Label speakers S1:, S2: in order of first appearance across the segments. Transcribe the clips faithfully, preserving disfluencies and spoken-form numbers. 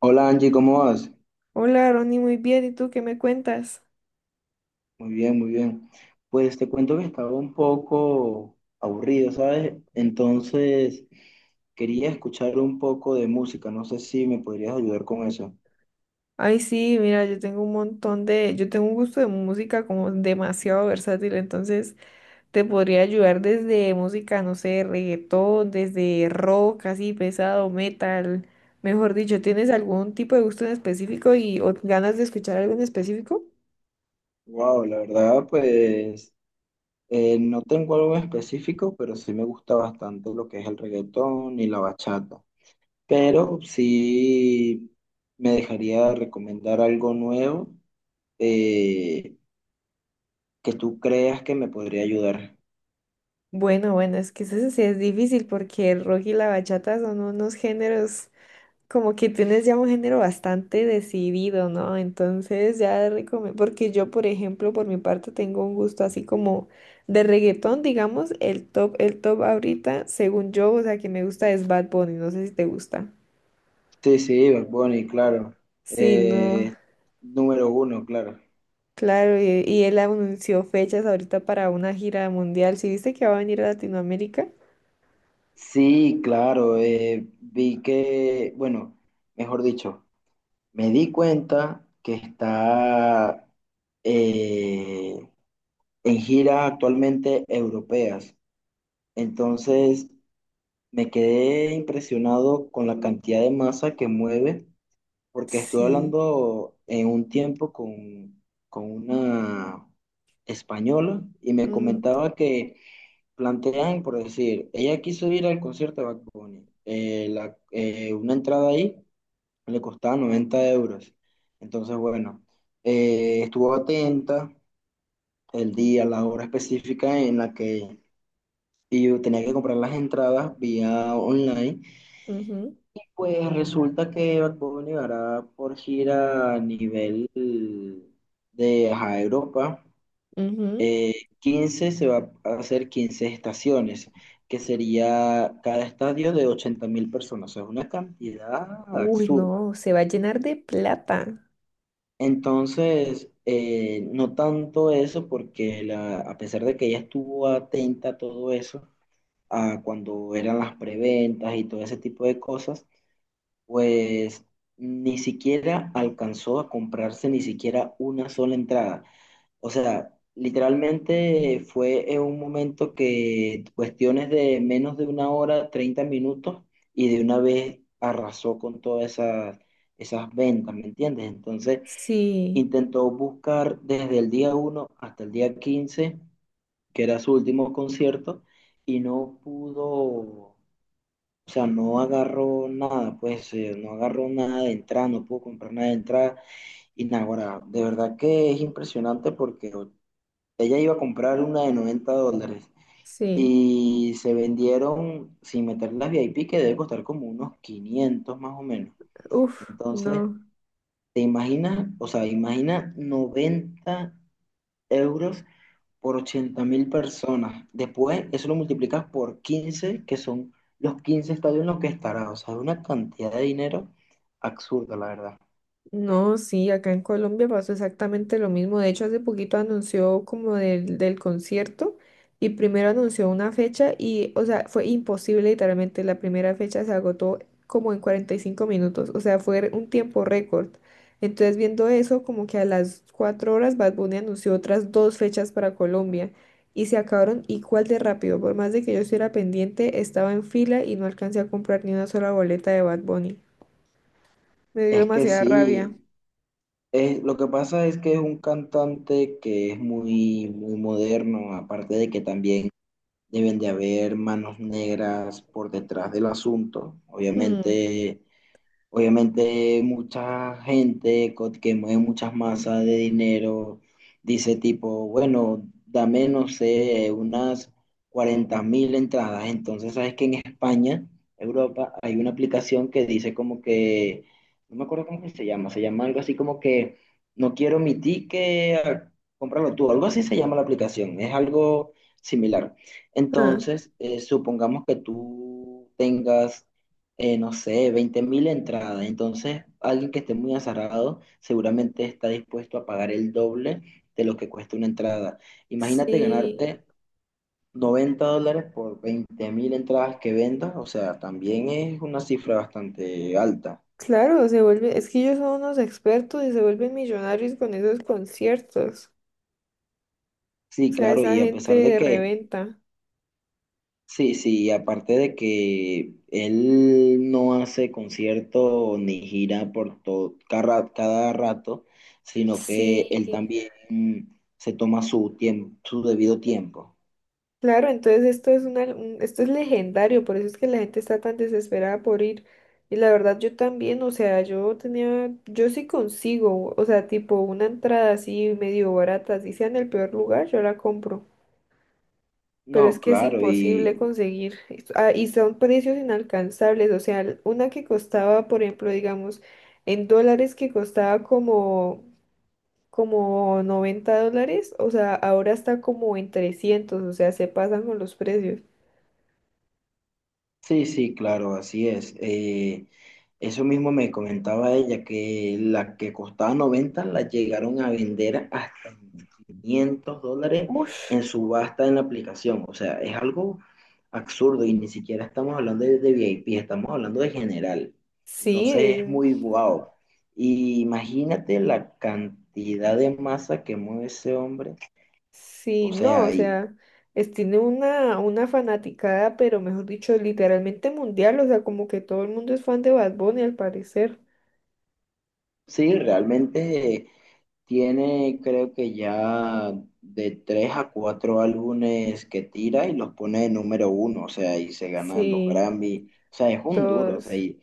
S1: Hola Angie, ¿cómo vas?
S2: Hola, Ronnie, muy bien. ¿Y tú qué me cuentas?
S1: Muy bien, muy bien. Pues te cuento que estaba un poco aburrido, ¿sabes? Entonces quería escuchar un poco de música, no sé si me podrías ayudar con eso.
S2: Ay, sí, mira, yo tengo un montón de, yo tengo un gusto de música como demasiado versátil, entonces te podría ayudar desde música, no sé, reggaetón, desde rock, así pesado, metal. Mejor dicho, ¿tienes algún tipo de gusto en específico y o ganas de escuchar algo en específico?
S1: Wow, la verdad, pues eh, no tengo algo en específico, pero sí me gusta bastante lo que es el reggaetón y la bachata. Pero sí me dejaría recomendar algo nuevo eh, que tú creas que me podría ayudar.
S2: Bueno, bueno, es que eso sí es difícil porque el rock y la bachata son unos géneros como que tienes ya un género bastante decidido, ¿no? Entonces ya recomiendo, porque yo, por ejemplo, por mi parte tengo un gusto así como de reggaetón, digamos, el top, el top ahorita, según yo, o sea, que me gusta es Bad Bunny, no sé si te gusta.
S1: Sí, sí, Bad Bunny, claro.
S2: Sí, no,
S1: Eh, Número uno, claro.
S2: claro, y, y él anunció fechas ahorita para una gira mundial, ¿sí viste que va a venir a Latinoamérica?
S1: Sí, claro. Eh, vi que, bueno, mejor dicho, me di cuenta que está eh, en gira actualmente europeas. Entonces, me quedé impresionado con la cantidad de masa que mueve, porque estuve
S2: Sí.
S1: hablando en un tiempo con, con una española y me
S2: Ujú,
S1: comentaba que plantean, por decir, ella quiso ir al concierto de Bad Bunny. Eh, la- eh, una entrada ahí le costaba noventa euros. Entonces, bueno, eh, estuvo atenta el día, la hora específica en la que yo tenía que comprar las entradas vía online.
S2: ujú,
S1: Pues resulta que Bad Bunny hará por gira a nivel de ajá, Europa.
S2: ujú.
S1: Eh, 15 se va a hacer quince estaciones, que sería cada estadio de ochenta mil personas, o sea, es una cantidad
S2: Uy, no,
S1: absurda.
S2: se va a llenar de plata.
S1: Entonces, eh, no tanto eso, porque la- a pesar de que ella estuvo atenta a todo eso, a cuando eran las preventas y todo ese tipo de cosas, pues ni siquiera alcanzó a comprarse ni siquiera una sola entrada. O sea, literalmente fue en un momento que cuestiones de menos de una hora, treinta minutos, y de una vez arrasó con todas esas, esas ventas, ¿me entiendes? Entonces,
S2: Sí,
S1: intentó buscar desde el día uno hasta el día quince que era su último concierto, y no pudo, o sea, no agarró nada, pues eh, no agarró nada de entrada, no pudo comprar nada de entrada. Y nada, ahora, de verdad que es impresionante porque ella iba a comprar una de noventa dólares
S2: sí.
S1: y se vendieron, sin meter las V I P, que debe costar como unos quinientos más o menos.
S2: Uf, no,
S1: Entonces, te imaginas, o sea, imagina noventa euros por ochenta mil personas. Después, eso lo multiplicas por quince que son los quince estadios en los que estará. O sea, es una cantidad de dinero absurda, la verdad.
S2: no, sí, acá en Colombia pasó exactamente lo mismo. De hecho, hace poquito anunció como del, del concierto y primero anunció una fecha y, o sea, fue imposible, literalmente, la primera fecha se agotó como en cuarenta y cinco minutos, o sea, fue un tiempo récord. Entonces, viendo eso, como que a las cuatro horas Bad Bunny anunció otras dos fechas para Colombia y se acabaron igual de rápido. Por más de que yo estuviera pendiente, estaba en fila y no alcancé a comprar ni una sola boleta de Bad Bunny. Me dio
S1: Es que
S2: demasiada rabia.
S1: sí. Eh, lo que pasa es que es un cantante que es muy, muy moderno, aparte de que también deben de haber manos negras por detrás del asunto.
S2: Mm,
S1: Obviamente Obviamente mucha gente co- que mueve muchas masas de dinero dice tipo, bueno, dame, no sé, unas cuarenta mil entradas. Entonces, sabes que en España, Europa, hay una aplicación que dice como que, no me acuerdo cómo que se llama, se llama algo así como que, no quiero mi ticket, ah, cómpralo tú, algo así se llama la aplicación, es algo similar.
S2: ah,
S1: Entonces, eh, supongamos que tú tengas eh, no sé, veinte mil entradas. Entonces, alguien que esté muy azarrado seguramente está dispuesto a pagar el doble de lo que cuesta una entrada. Imagínate
S2: sí,
S1: ganarte noventa dólares por veinte mil entradas que vendas, o sea, también es una cifra bastante alta.
S2: claro, se vuelve, es que ellos son unos expertos y se vuelven millonarios con esos conciertos. O
S1: Sí,
S2: sea,
S1: claro,
S2: esa
S1: y a
S2: gente
S1: pesar de
S2: de
S1: que.
S2: reventa.
S1: Sí, sí, y aparte de que él no hace concierto ni gira por todo, cada, cada rato, sino que
S2: Sí,
S1: él también se toma su tiempo, su debido tiempo.
S2: claro, entonces esto es una, un- esto es legendario, por eso es que la gente está tan desesperada por ir. Y la verdad yo también, o sea, yo tenía, yo sí consigo, o sea, tipo una entrada así medio barata, así sea en el peor lugar, yo la compro. Pero es
S1: No,
S2: que es
S1: claro,
S2: imposible
S1: y.
S2: conseguir. Es- ah, y son precios inalcanzables. O sea, l- una que costaba, por ejemplo, digamos, en dólares que costaba como, como noventa dólares, o sea, ahora está como en trescientos, o sea, se pasan con los precios.
S1: Sí, sí, claro, así es. Eh, eso mismo me comentaba ella, que la que costaba noventa la llegaron a vender hasta quinientos dólares
S2: Ush.
S1: en subasta en la aplicación. O sea, es algo absurdo y ni siquiera estamos hablando de, de V I P, estamos hablando de general.
S2: Sí,
S1: Entonces es
S2: eh,
S1: muy guau. Y imagínate la cantidad de masa que mueve ese hombre. O
S2: sí, no,
S1: sea,
S2: o
S1: y
S2: sea, es, tiene una, una fanaticada, pero mejor dicho, literalmente mundial, o sea, como que todo el mundo es fan de Bad Bunny al parecer.
S1: sí, realmente tiene, creo que ya de tres a cuatro álbumes que tira y los pone de número uno, o sea, y se ganan los
S2: Sí,
S1: Grammy, o sea, es un duro, o sea,
S2: todos,
S1: y,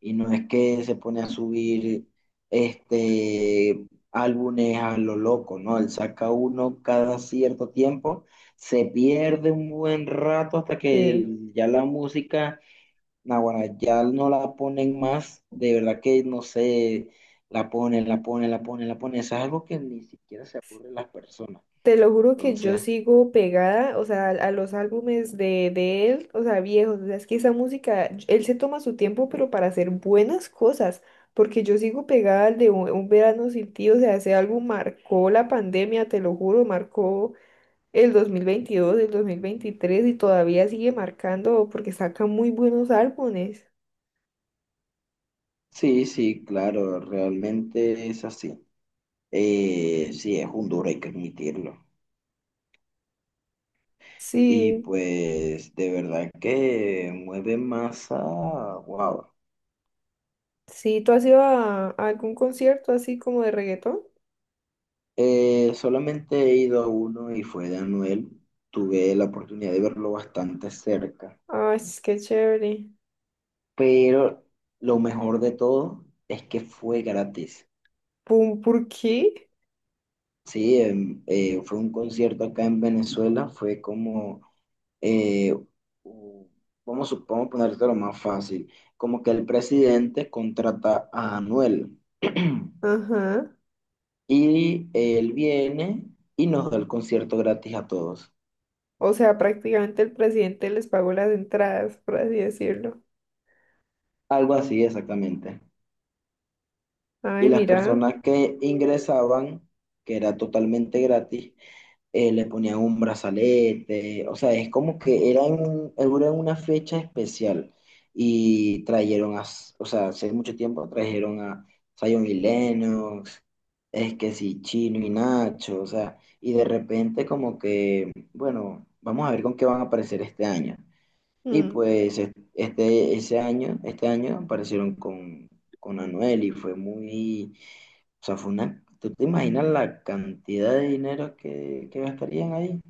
S1: y no es que se pone a subir este álbumes a lo loco, ¿no? Él saca uno cada cierto tiempo, se pierde un buen rato hasta que
S2: sí.
S1: ya la música Naguará, ya no la ponen más, de verdad que no sé, la ponen, la ponen, la ponen, la ponen, eso es algo que ni siquiera se aburren las personas.
S2: Te lo juro que
S1: Entonces,
S2: yo sigo pegada, o sea, a, a los álbumes de, de él, o sea, viejos, o sea, es que esa música, él se toma su tiempo, pero para hacer buenas cosas, porque yo sigo pegada al de un, Un verano sin ti, o sea, ese álbum marcó la pandemia, te lo juro, marcó el dos mil veintidós, el dos mil veintitrés y todavía sigue marcando porque saca muy buenos álbumes.
S1: sí, sí, claro, realmente es así. Eh, sí, es un duro, hay que admitirlo. Y
S2: Sí,
S1: pues, de verdad que mueve masa, wow.
S2: sí, ¿tú has ido a, a algún concierto así como de reggaetón?
S1: Eh, solamente he ido a uno y fue de Anuel, tuve la oportunidad de verlo bastante cerca,
S2: Ay, es que chévere.
S1: pero lo mejor de todo es que fue gratis.
S2: Pum, ¿por qué?
S1: Sí, em, eh, fue un concierto acá en Venezuela, fue como, eh, u- vamos, a- vamos a ponerte lo más fácil, como que el presidente contrata a Anuel
S2: Ajá.
S1: y él viene y nos da el concierto gratis a todos,
S2: O sea, prácticamente el presidente les pagó las entradas, por así decirlo.
S1: algo así exactamente. Y
S2: Ay,
S1: las
S2: mira.
S1: personas que ingresaban, que era totalmente gratis, eh, le ponían un brazalete, o sea, es como que era en, era una fecha especial y trajeron a, o sea, hace mucho tiempo trajeron a Zion y Lennox, es que sí, Chino y Nacho, o sea, y de repente como que, bueno, vamos a ver con qué van a aparecer este año. Y
S2: Mm,
S1: pues es- este, ese año, este año aparecieron con, con Anuel y fue muy, o sea, fue una, ¿tú te imaginas la cantidad de dinero que, que gastarían ahí?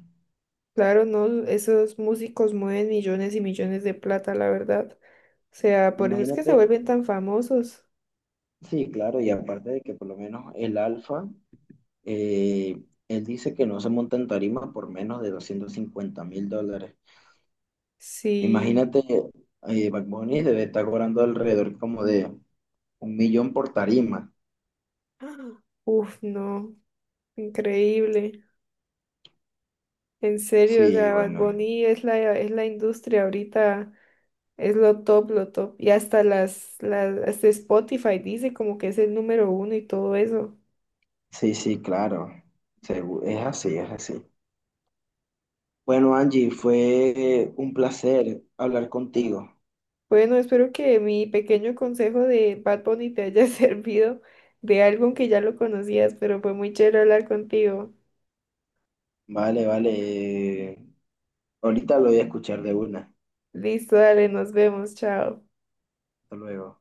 S2: claro, no, esos músicos mueven millones y millones de plata, la verdad. O sea, por eso es que se
S1: Imagínate,
S2: vuelven tan famosos.
S1: sí, claro, y aparte de que por lo menos el Alfa, eh, él dice que no se monta en tarima por menos de doscientos cincuenta mil dólares.
S2: Sí.
S1: Imagínate, eh, Bad Bunny debe estar cobrando alrededor como de un millón por tarima.
S2: ¡Ah! Uf, no. Increíble. En serio, o
S1: Sí,
S2: sea, Bad
S1: bueno,
S2: Bunny es la, es la industria ahorita. Es lo top, lo top. Y hasta las, las, hasta Spotify dice como que es el número uno y todo eso.
S1: sí, sí, claro, Segu- es así, es así. Bueno, Angie, fue un placer hablar contigo.
S2: Bueno, espero que mi pequeño consejo de Bad Bunny te haya servido de algo que ya lo conocías, pero fue muy chévere hablar contigo.
S1: Vale, vale. Eh, ahorita lo voy a escuchar de una.
S2: Listo, dale, nos vemos, chao.
S1: Hasta luego.